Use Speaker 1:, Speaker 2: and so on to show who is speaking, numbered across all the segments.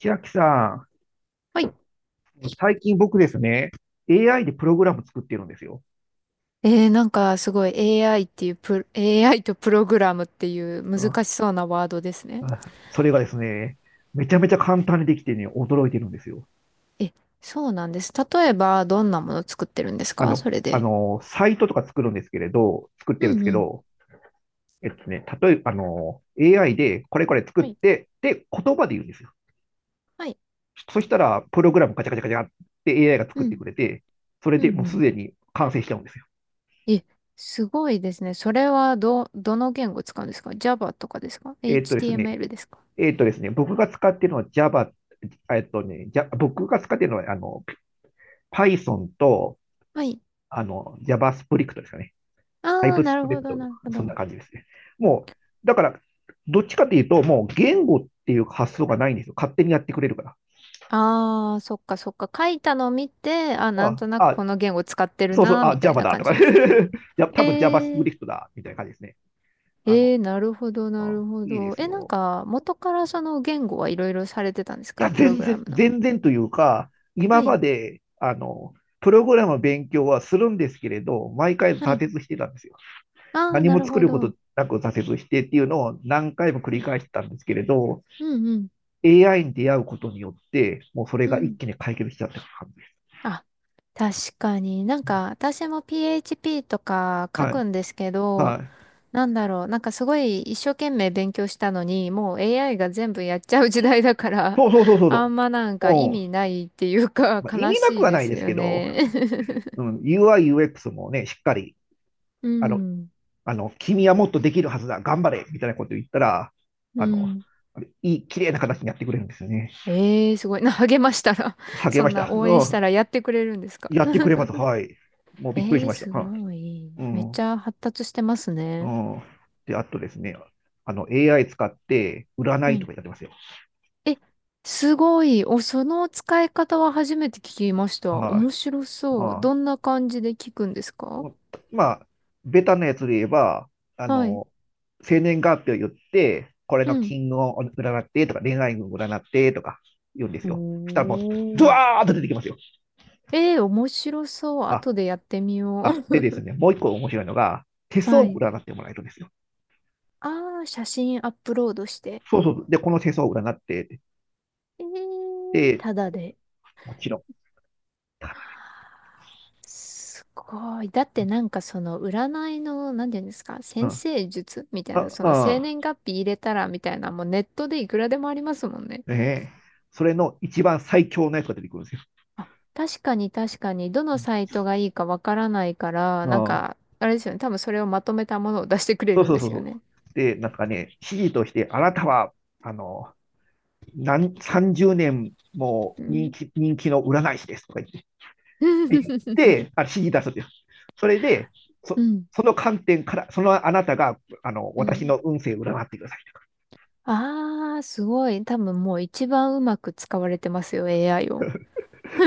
Speaker 1: 千秋さ
Speaker 2: はい。
Speaker 1: ん、最近僕ですね、AI でプログラム作ってるんですよ。
Speaker 2: なんかすごい AI っていうプロ、AI とプログラムっていう
Speaker 1: あ
Speaker 2: 難しそうなワードですね。
Speaker 1: あ、それがですね、めちゃめちゃ簡単にできてね、驚いてるんですよ。
Speaker 2: え、そうなんです。例えば、どんなもの作ってるんですかそれで？
Speaker 1: サイトとか作るんですけれど、作ってるん
Speaker 2: う
Speaker 1: です
Speaker 2: ん
Speaker 1: け
Speaker 2: うん。
Speaker 1: ど、例えば、AI でこれこれ作っ
Speaker 2: はい。
Speaker 1: て、で、言葉で言うんですよ。
Speaker 2: はい。
Speaker 1: そしたら、プログラムカチャカチャカチャって AI が作っ
Speaker 2: う
Speaker 1: て
Speaker 2: ん。
Speaker 1: くれて、それ
Speaker 2: う
Speaker 1: で
Speaker 2: ん
Speaker 1: もう
Speaker 2: う
Speaker 1: す
Speaker 2: ん。
Speaker 1: でに完成しちゃうんですよ。
Speaker 2: え、すごいですね。それはどの言語使うんですか？ Java とかですか？
Speaker 1: えっとですね、
Speaker 2: HTML ですか？
Speaker 1: えっとですね、僕が使ってるのは、Python と
Speaker 2: はい。
Speaker 1: JavaScript ですかね。
Speaker 2: ああ、なるほ
Speaker 1: TypeScript
Speaker 2: ど、
Speaker 1: と
Speaker 2: なる
Speaker 1: か
Speaker 2: ほ
Speaker 1: そんな
Speaker 2: ど。
Speaker 1: 感じですね。もだから、どっちかというと、もう言語っていう発想がないんですよ。勝手にやってくれるから。
Speaker 2: ああ、そっかそっか。書いたのを見て、あ、なん
Speaker 1: あ、
Speaker 2: となく
Speaker 1: あ、
Speaker 2: この言語使ってる
Speaker 1: そうそう、
Speaker 2: な、みたい
Speaker 1: Java
Speaker 2: な
Speaker 1: だ
Speaker 2: 感
Speaker 1: とか、
Speaker 2: じ で
Speaker 1: じ
Speaker 2: すね。
Speaker 1: ゃ多分
Speaker 2: えー
Speaker 1: JavaScript だ、みたいな感じですね。あ
Speaker 2: え
Speaker 1: の、
Speaker 2: え、なるほど、な
Speaker 1: あ、
Speaker 2: るほ
Speaker 1: いいで
Speaker 2: ど。
Speaker 1: す
Speaker 2: え、なん
Speaker 1: よ。
Speaker 2: か、元からその言語はいろいろされてたんです
Speaker 1: いや、
Speaker 2: かプログラムの？
Speaker 1: 全然というか、
Speaker 2: は
Speaker 1: 今
Speaker 2: い、
Speaker 1: まで、プログラムの勉強はするんですけれど、毎回
Speaker 2: は
Speaker 1: 挫
Speaker 2: い。
Speaker 1: 折してたんですよ。
Speaker 2: ああ、
Speaker 1: 何
Speaker 2: な
Speaker 1: も
Speaker 2: る
Speaker 1: 作
Speaker 2: ほ
Speaker 1: るこ
Speaker 2: ど。
Speaker 1: となく挫折してっていうのを何回も繰
Speaker 2: う
Speaker 1: り
Speaker 2: ん、
Speaker 1: 返してたんですけれど、
Speaker 2: うん、うん。
Speaker 1: AI に出会うことによって、もうそれ
Speaker 2: う
Speaker 1: が一
Speaker 2: ん。
Speaker 1: 気に解決しちゃった感じです。
Speaker 2: あ、確かに。なんか、私も PHP とか書
Speaker 1: はい。
Speaker 2: くんですけど、
Speaker 1: はい。
Speaker 2: なんだろう。なんかすごい一生懸命勉強したのに、もう AI が全部やっちゃう時代だから、
Speaker 1: そうそうそう そう
Speaker 2: あんまなんか
Speaker 1: そ
Speaker 2: 意
Speaker 1: う。う
Speaker 2: 味
Speaker 1: ん。
Speaker 2: ないっていうか、
Speaker 1: まあ、意
Speaker 2: 悲
Speaker 1: 味なく
Speaker 2: しい
Speaker 1: は
Speaker 2: で
Speaker 1: ない
Speaker 2: す
Speaker 1: です
Speaker 2: よ
Speaker 1: けど、
Speaker 2: ね。
Speaker 1: うん、UI、UX もね、しっかり、
Speaker 2: う
Speaker 1: あの、
Speaker 2: ん、
Speaker 1: あの、君はもっとできるはずだ、頑張れみたいなこと言ったら、
Speaker 2: う
Speaker 1: あの、
Speaker 2: ん。
Speaker 1: あれいい、綺麗な形にやってくれるんですよね。
Speaker 2: ええーすごい。励ましたら
Speaker 1: 励
Speaker 2: そ
Speaker 1: ま
Speaker 2: ん
Speaker 1: し
Speaker 2: な
Speaker 1: た。
Speaker 2: 応援
Speaker 1: う
Speaker 2: し
Speaker 1: ん。
Speaker 2: たらやってくれるんですか？
Speaker 1: やってくれます。はい。もうびっくり
Speaker 2: え
Speaker 1: し
Speaker 2: えー
Speaker 1: ました。
Speaker 2: す
Speaker 1: は
Speaker 2: ごい。
Speaker 1: い、う
Speaker 2: めっ
Speaker 1: ん。
Speaker 2: ちゃ発達してます
Speaker 1: う
Speaker 2: ね。
Speaker 1: ん。で、あとですね、AI 使って占
Speaker 2: は
Speaker 1: いと
Speaker 2: い。
Speaker 1: かやってますよ。
Speaker 2: え、すごい。お、その使い方は初めて聞きました。
Speaker 1: はい。
Speaker 2: 面白そう。
Speaker 1: まあ
Speaker 2: どんな感じで聞くんですか？
Speaker 1: もうまあ、ベタなやつで言えば、あ
Speaker 2: はい。
Speaker 1: の、生年月日を言って、これ
Speaker 2: う
Speaker 1: の
Speaker 2: ん。
Speaker 1: 金運を占ってとか、恋愛運を占ってとか言うんで
Speaker 2: お
Speaker 1: すよ。したらもう、ド
Speaker 2: ー。
Speaker 1: ワーッと出てきますよ。
Speaker 2: えー面白そう。
Speaker 1: あ、
Speaker 2: 後でやってみよ
Speaker 1: でで
Speaker 2: う。
Speaker 1: すね、もう一個面白いのが、手 相
Speaker 2: は
Speaker 1: を
Speaker 2: い。
Speaker 1: 占ってもらえるんですよ。
Speaker 2: ああ、写真アップロードして？
Speaker 1: そうそう。で、この手相を占って、
Speaker 2: えー
Speaker 1: で、
Speaker 2: ただ
Speaker 1: こ
Speaker 2: で。
Speaker 1: もちろん、ただ、
Speaker 2: すごい。だってなんかその占いの、なんて言うんですか、
Speaker 1: う
Speaker 2: 先
Speaker 1: ん。
Speaker 2: 生術みたいな、その生
Speaker 1: あ、
Speaker 2: 年月日入れたらみたいな、もうネットでいくらでもありますもんね。
Speaker 1: ねえ、それの一番最強のやつが出てくるんですよ。
Speaker 2: あ、確かに確かに、どのサイトがいいかわからないから、
Speaker 1: う
Speaker 2: なん
Speaker 1: ん、
Speaker 2: か、あれですよね、多分それをまとめたものを出してくれ
Speaker 1: そう
Speaker 2: るん
Speaker 1: そう
Speaker 2: で
Speaker 1: そう
Speaker 2: すよ
Speaker 1: そ
Speaker 2: ね。
Speaker 1: う。で、なんかね、指示として、あなたは、あの、30年も
Speaker 2: うん。
Speaker 1: 人気の占い師ですとか言って、指示出すんですよ。それで、
Speaker 2: う
Speaker 1: そ、
Speaker 2: ん。
Speaker 1: その観点から、そのあなたが、
Speaker 2: う
Speaker 1: 私
Speaker 2: ん。
Speaker 1: の運勢を占ってください。
Speaker 2: ああ、すごい。多分もう一番うまく使われてますよ、AI を。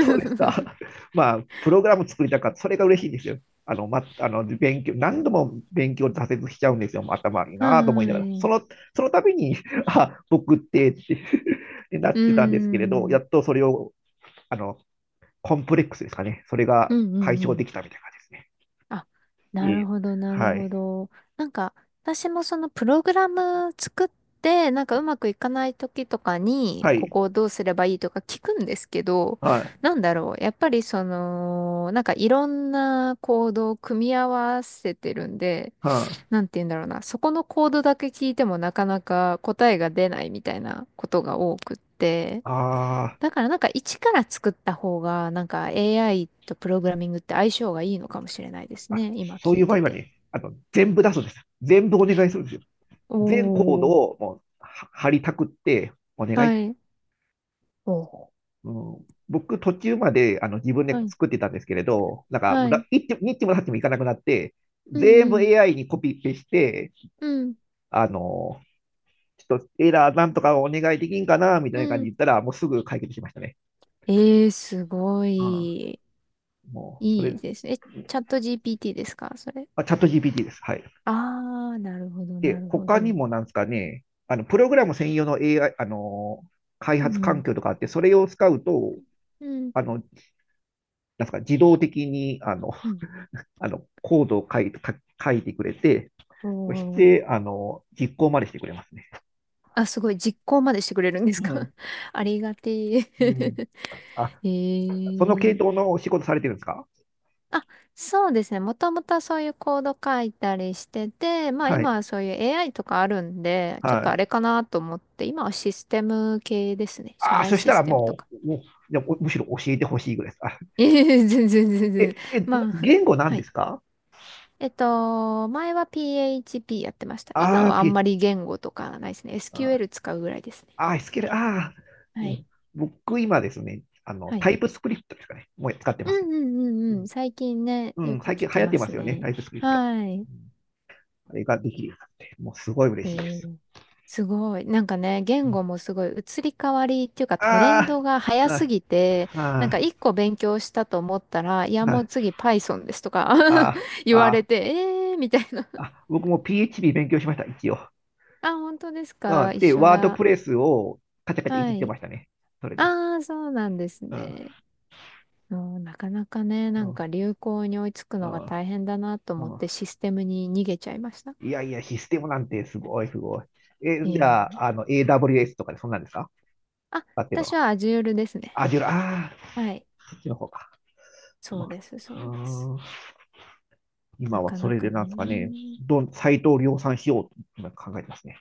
Speaker 1: そうです か。まあ、プログラム作りたかった。それが嬉しいんですよ。あの、ま、あの、勉強、何度も勉強挫折しちゃうんですよ。頭悪い
Speaker 2: は
Speaker 1: なぁと思いながら。
Speaker 2: ーい。
Speaker 1: その度に、あ、僕って な
Speaker 2: う
Speaker 1: っ
Speaker 2: ー
Speaker 1: てたんですけれど、や
Speaker 2: ん。
Speaker 1: っとそれを、あの、コンプレックスですかね。それ
Speaker 2: う
Speaker 1: が
Speaker 2: んう
Speaker 1: 解
Speaker 2: んう
Speaker 1: 消で
Speaker 2: ん。
Speaker 1: きたみたいな感じですね。
Speaker 2: あ、
Speaker 1: え
Speaker 2: なる
Speaker 1: え、
Speaker 2: ほど、なる
Speaker 1: は
Speaker 2: ほ
Speaker 1: い。
Speaker 2: ど。なんか、私もそのプログラム作って、なんかうまくいかない時とかに、
Speaker 1: は
Speaker 2: こ
Speaker 1: い。
Speaker 2: こをどうすればいいとか聞くんですけど、
Speaker 1: はい。
Speaker 2: なんだろう。やっぱりその、なんかいろんなコードを組み合わせてるんで、
Speaker 1: はい。
Speaker 2: なんて言うんだろうな。そこのコードだけ聞いてもなかなか答えが出ないみたいなことが多くって。
Speaker 1: あー
Speaker 2: だからなんか一から作った方が、なんか AI とプログラミングって相性がいいのかもしれないです
Speaker 1: あ、
Speaker 2: ね。今
Speaker 1: そう
Speaker 2: 聞
Speaker 1: い
Speaker 2: い
Speaker 1: う場
Speaker 2: て
Speaker 1: 合は
Speaker 2: て。
Speaker 1: ね、全部出すんです。全部お願いするんですよ。
Speaker 2: お
Speaker 1: 全コード
Speaker 2: ー、
Speaker 1: をもうは貼りたくって、お願い
Speaker 2: は
Speaker 1: っ
Speaker 2: い。おー
Speaker 1: うん、僕、途中まで自分で
Speaker 2: はい。
Speaker 1: 作ってたんですけれど、なんか、
Speaker 2: は
Speaker 1: ら
Speaker 2: い。
Speaker 1: 一手二ちもさってもいかなくなって、
Speaker 2: うん
Speaker 1: 全
Speaker 2: う
Speaker 1: 部
Speaker 2: ん。
Speaker 1: AI にコピペして、
Speaker 2: うん。
Speaker 1: あの、ちょっとエラーなんとかお願いできんかな、みた
Speaker 2: う
Speaker 1: いな感じ
Speaker 2: ん。
Speaker 1: で言ったら、もうすぐ解決しましたね。
Speaker 2: えーすご
Speaker 1: う
Speaker 2: い。
Speaker 1: ん、もう、それ、
Speaker 2: いいですね。え、チャット GPT ですかそれ？
Speaker 1: あ、チャット GPT です。はい。
Speaker 2: あー、なるほど、な
Speaker 1: で、
Speaker 2: るほ
Speaker 1: 他に
Speaker 2: ど。
Speaker 1: もなんですかね、プログラム専用の AI、
Speaker 2: う
Speaker 1: 開
Speaker 2: ん
Speaker 1: 発
Speaker 2: う
Speaker 1: 環
Speaker 2: ん。
Speaker 1: 境とかあって、それを使うと、
Speaker 2: うん
Speaker 1: あの、なんですか、自動的に、あの、
Speaker 2: うん。
Speaker 1: あのコードを書い書書いてくれて、
Speaker 2: お
Speaker 1: そし
Speaker 2: ー。
Speaker 1: て、実行までしてくれますね。
Speaker 2: あ、すごい。実行までしてくれるんです
Speaker 1: う
Speaker 2: か？
Speaker 1: ん。
Speaker 2: ありがてえ。
Speaker 1: うん。あ、
Speaker 2: え
Speaker 1: その系
Speaker 2: え、
Speaker 1: 統のお仕事されてるんですか？
Speaker 2: あ、そうですね。もともとそういうコード書いたりしてて、まあ
Speaker 1: は
Speaker 2: 今
Speaker 1: い。
Speaker 2: はそういう AI とかあるんで、ちょっ
Speaker 1: は
Speaker 2: とあ
Speaker 1: い。
Speaker 2: れかなと思って、今はシステム系ですね。社
Speaker 1: ああ、
Speaker 2: 内
Speaker 1: そし
Speaker 2: シ
Speaker 1: たら
Speaker 2: ステムと
Speaker 1: も
Speaker 2: か。
Speaker 1: う、もうじゃあむしろ教えてほしいぐらいです。
Speaker 2: いえいえ全然全然。
Speaker 1: な
Speaker 2: まあ、
Speaker 1: 言語なん
Speaker 2: は
Speaker 1: で
Speaker 2: い。
Speaker 1: すか？
Speaker 2: 前は PHP やってました。今はあんま
Speaker 1: PH。
Speaker 2: り言語とかないですね。
Speaker 1: あ
Speaker 2: SQL 使うぐらいですね。
Speaker 1: あ、SQL、う
Speaker 2: はい。
Speaker 1: ん、僕今ですね、
Speaker 2: は
Speaker 1: タ
Speaker 2: い。
Speaker 1: イプスクリプトですかね。もう使って
Speaker 2: う
Speaker 1: ますね。
Speaker 2: んうんうんうん。最近ね、
Speaker 1: うん、う
Speaker 2: よ
Speaker 1: ん、
Speaker 2: く
Speaker 1: 最
Speaker 2: 聞
Speaker 1: 近流
Speaker 2: き
Speaker 1: 行っ
Speaker 2: ま
Speaker 1: てま
Speaker 2: す
Speaker 1: すよね、
Speaker 2: ね。
Speaker 1: タイプスクリプト。
Speaker 2: はい。
Speaker 1: うん、あれができるようになって、もうすごい
Speaker 2: え
Speaker 1: 嬉しいです。
Speaker 2: ーすごい。なんかね、
Speaker 1: う
Speaker 2: 言
Speaker 1: ん、
Speaker 2: 語もすごい移り変わりっていうかトレン
Speaker 1: あ
Speaker 2: ドが早
Speaker 1: あ、
Speaker 2: す
Speaker 1: あ
Speaker 2: ぎて、なん
Speaker 1: あ、
Speaker 2: か一個勉強したと思ったら、いや
Speaker 1: あ
Speaker 2: もう
Speaker 1: あ。
Speaker 2: 次 Python ですとか
Speaker 1: あ、
Speaker 2: 言われ
Speaker 1: あ、
Speaker 2: て、えーみたいな。
Speaker 1: 僕も PHP 勉強しました、一応。
Speaker 2: あ、本当です
Speaker 1: うん、
Speaker 2: か？一
Speaker 1: で、
Speaker 2: 緒
Speaker 1: ワード
Speaker 2: だ。
Speaker 1: プレスをカチャカチャいじ
Speaker 2: は
Speaker 1: って
Speaker 2: い。
Speaker 1: ましたね。それで。
Speaker 2: ああ、そうなんです
Speaker 1: うん、
Speaker 2: ね。うん。なかなかね、
Speaker 1: う
Speaker 2: なん
Speaker 1: ん、
Speaker 2: か流行に追いつく
Speaker 1: う
Speaker 2: のが
Speaker 1: ん、
Speaker 2: 大変だなと思っ
Speaker 1: う
Speaker 2: て
Speaker 1: ん。
Speaker 2: システムに逃げちゃいました。
Speaker 1: いやいや、システムなんてすごい、すごい。え、
Speaker 2: い
Speaker 1: じ
Speaker 2: えい
Speaker 1: ゃあ、
Speaker 2: え。
Speaker 1: AWS とかでそんなんですか？
Speaker 2: あ、
Speaker 1: だっていうの
Speaker 2: 私
Speaker 1: は。
Speaker 2: は Azure ですね。
Speaker 1: Azure、ジュラああ、
Speaker 2: はい。
Speaker 1: そっちの方か。
Speaker 2: そ
Speaker 1: ま
Speaker 2: う
Speaker 1: あ、
Speaker 2: です、そう
Speaker 1: う
Speaker 2: です。
Speaker 1: ーん、今
Speaker 2: な
Speaker 1: は
Speaker 2: か
Speaker 1: そ
Speaker 2: な
Speaker 1: れで
Speaker 2: か
Speaker 1: なんですかね、
Speaker 2: ね。
Speaker 1: サイトを量産しようと今考えてますね。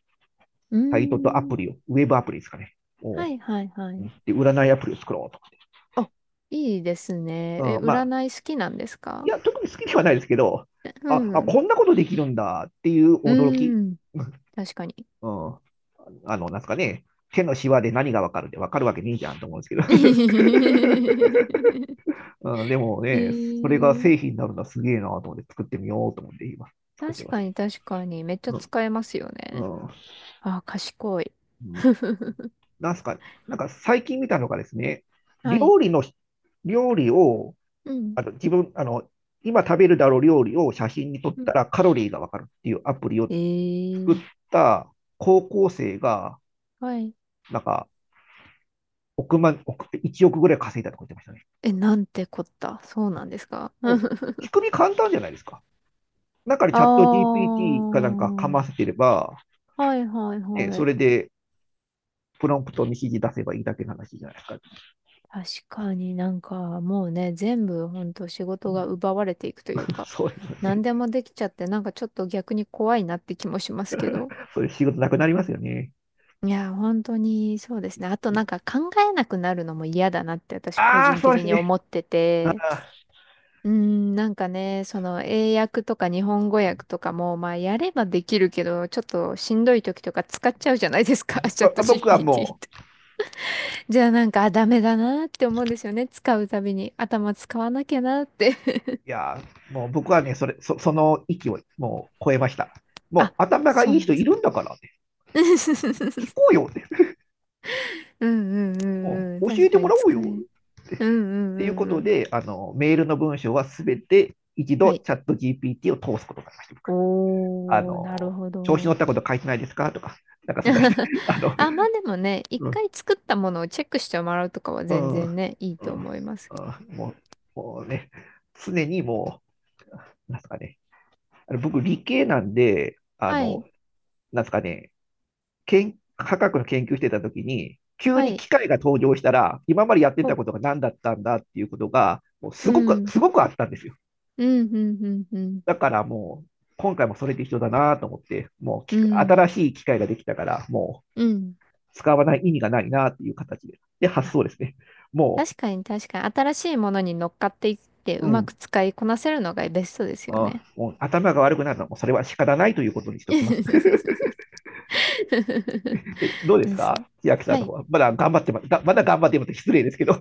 Speaker 2: うー
Speaker 1: サイトとアプ
Speaker 2: ん。
Speaker 1: リを、ウェブアプリですかね。お
Speaker 2: は
Speaker 1: う
Speaker 2: いはいは
Speaker 1: うん、
Speaker 2: い。
Speaker 1: で、占いアプリを作ろうとか。
Speaker 2: あ、いいですね。
Speaker 1: う
Speaker 2: え、
Speaker 1: ん、まあ、
Speaker 2: 占い好きなんです
Speaker 1: い
Speaker 2: か？
Speaker 1: や、特に好きではないですけど、
Speaker 2: うん。
Speaker 1: こんなことできるんだっていう
Speaker 2: う
Speaker 1: 驚き。
Speaker 2: ーん。確かに。
Speaker 1: うん。あの、なんすかね、手のシワで何がわかるってわかるわけねえじゃんと思うんですけど。うん、でも
Speaker 2: え
Speaker 1: ね、それが
Speaker 2: ー、
Speaker 1: 製品になるのはすげえなと思って作ってみようと思って今作って
Speaker 2: 確
Speaker 1: ます。
Speaker 2: かに確かに。めっちゃ
Speaker 1: うん。
Speaker 2: 使えますよね。
Speaker 1: う
Speaker 2: あ、賢い。
Speaker 1: ん。なんすか、なんか最近見たのがですね、
Speaker 2: はい。
Speaker 1: 料理の、料理を、
Speaker 2: うん。
Speaker 1: あの自分、あの、今食べるだろう料理を写真に撮っ
Speaker 2: う
Speaker 1: た
Speaker 2: ん。
Speaker 1: らカロリーがわかるっていうアプリを
Speaker 2: え
Speaker 1: 作っ
Speaker 2: ー、
Speaker 1: た高校生が、
Speaker 2: はい。
Speaker 1: なんか、億万、億、1億ぐらい稼いだとか言ってましたね。
Speaker 2: え、なんてこった。そうなんですか？
Speaker 1: う
Speaker 2: あ
Speaker 1: ん、仕組み簡単じゃないですか。中にチ
Speaker 2: ー。
Speaker 1: ャット GPT かなんかかませてれば、
Speaker 2: はいはい
Speaker 1: ね、
Speaker 2: は
Speaker 1: そ
Speaker 2: い。
Speaker 1: れでプロンプトに指示出せばいいだけの話じゃないですか。
Speaker 2: 確かになんかもうね、全部ほんと仕事が奪 われていくというか、
Speaker 1: そういう、
Speaker 2: 何でもできちゃってなんかちょっと逆に怖いなって気もしますけど。
Speaker 1: そういう仕事なくなりますよね。
Speaker 2: いや、本当にそうですね。あとなんか考えなくなるのも嫌だなって私個
Speaker 1: ああ、
Speaker 2: 人
Speaker 1: そうで
Speaker 2: 的
Speaker 1: す
Speaker 2: に
Speaker 1: ね。
Speaker 2: 思って
Speaker 1: あ
Speaker 2: て。うーん、なんかね、その英訳とか日本語訳とかも、まあやればできるけど、ちょっとしんどい時とか使っちゃうじゃないですか、チャット
Speaker 1: 僕は
Speaker 2: GPT。
Speaker 1: も
Speaker 2: じゃあなんか、あ、ダメだなって思うんですよね。使うたびに頭使わなきゃなって。
Speaker 1: う、いやもう僕はね、それ、そ、その域をもう超えました。もう
Speaker 2: あ、
Speaker 1: 頭が
Speaker 2: そ
Speaker 1: い
Speaker 2: う
Speaker 1: い
Speaker 2: なん
Speaker 1: 人
Speaker 2: で
Speaker 1: い
Speaker 2: す。
Speaker 1: るんだから、ね、聞 こうよって。
Speaker 2: うんうんう
Speaker 1: ね、
Speaker 2: んうん。
Speaker 1: 教
Speaker 2: 確
Speaker 1: えて
Speaker 2: か
Speaker 1: も
Speaker 2: に
Speaker 1: らおう
Speaker 2: 使
Speaker 1: よ。
Speaker 2: え。うんうん
Speaker 1: っていう
Speaker 2: う
Speaker 1: こ
Speaker 2: んう
Speaker 1: と
Speaker 2: ん。
Speaker 1: で、メールの文章はすべて一
Speaker 2: は
Speaker 1: 度
Speaker 2: い。
Speaker 1: チャット GPT を通すことになりました、僕。あ
Speaker 2: おー、なる
Speaker 1: の、
Speaker 2: ほ
Speaker 1: 調子乗っ
Speaker 2: ど。
Speaker 1: たこと書いてないですかとか、なんか そんな人、あの、
Speaker 2: あ、まあでもね、一
Speaker 1: うん、
Speaker 2: 回作ったものをチェックしてもらうとかは
Speaker 1: う
Speaker 2: 全
Speaker 1: ん、う
Speaker 2: 然
Speaker 1: ん、
Speaker 2: ね、いいと思います
Speaker 1: う
Speaker 2: けど。
Speaker 1: ん、もうね、常にもう、なんすかね、僕理系なんで、あ
Speaker 2: は
Speaker 1: の、
Speaker 2: い。
Speaker 1: なんすかね、けん科学の研究してた時に、急
Speaker 2: は
Speaker 1: に
Speaker 2: い。
Speaker 1: 機械が登場したら、今までやって
Speaker 2: も
Speaker 1: た
Speaker 2: う、
Speaker 1: ことが何だったんだっていうことが、もう
Speaker 2: う
Speaker 1: すごく、
Speaker 2: ん。
Speaker 1: すごくあったんですよ。
Speaker 2: うん、うん、うん、うん。
Speaker 1: だからもう、今回もそれで一緒だなと思って、も
Speaker 2: う
Speaker 1: う
Speaker 2: ん。
Speaker 1: 新しい機械ができたから、
Speaker 2: うん。
Speaker 1: 使わない意味がないなっていう形で。で、発
Speaker 2: あ、
Speaker 1: 想ですね。も
Speaker 2: 確かに確かに。新しいものに乗っかっていって、
Speaker 1: う、う
Speaker 2: うまく
Speaker 1: ん。
Speaker 2: 使いこなせるのがベストですよね。
Speaker 1: もう頭が悪くなるのはもうそれは仕方ないというこ とにし ておきます。どうです
Speaker 2: です。
Speaker 1: か千秋さ
Speaker 2: は
Speaker 1: んの
Speaker 2: い。
Speaker 1: 方は？まだ頑張ってまだ頑張ってます。失礼ですけど。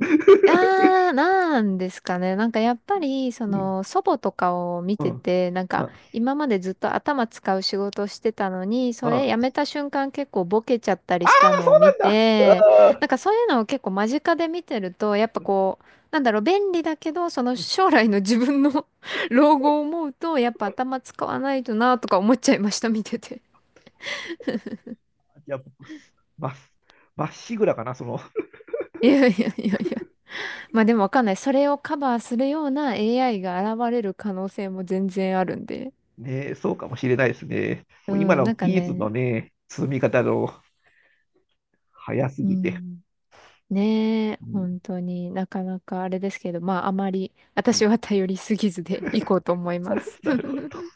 Speaker 2: ああ、なんですかね。なんかやっぱり、そ
Speaker 1: うん。
Speaker 2: の、祖母とかを見
Speaker 1: う
Speaker 2: て
Speaker 1: ん。
Speaker 2: て、なんか
Speaker 1: あ、
Speaker 2: 今までずっと頭使う仕事をしてたのに、
Speaker 1: う
Speaker 2: そ
Speaker 1: ん、
Speaker 2: れ辞
Speaker 1: あ
Speaker 2: めた瞬間結構ボケちゃったりしたの
Speaker 1: そ
Speaker 2: を
Speaker 1: うな
Speaker 2: 見
Speaker 1: んだ。
Speaker 2: て、
Speaker 1: あ
Speaker 2: なんかそういうのを結構間近で見てると、やっぱこう、なんだろう、便利だけど、その将来の自分の 老後を思うと、やっぱ頭使わないとなとか思っちゃいました、見てて。
Speaker 1: じゃあ僕、まっ、まっしぐらかな。その、
Speaker 2: いやいやいやいや。まあでもわかんない。それをカバーするような AI が現れる可能性も全然あるんで。
Speaker 1: ね、そうかもしれないですね。
Speaker 2: う
Speaker 1: もう今
Speaker 2: ん、
Speaker 1: の
Speaker 2: なんか
Speaker 1: 技術の
Speaker 2: ね、
Speaker 1: ね、積み方の早す
Speaker 2: う
Speaker 1: ぎて。
Speaker 2: ん、ねえ、
Speaker 1: うん、
Speaker 2: 本当になかなかあれですけど、まああまり
Speaker 1: う
Speaker 2: 私
Speaker 1: ん、
Speaker 2: は頼りすぎずでいこうと思います。
Speaker 1: なるほど。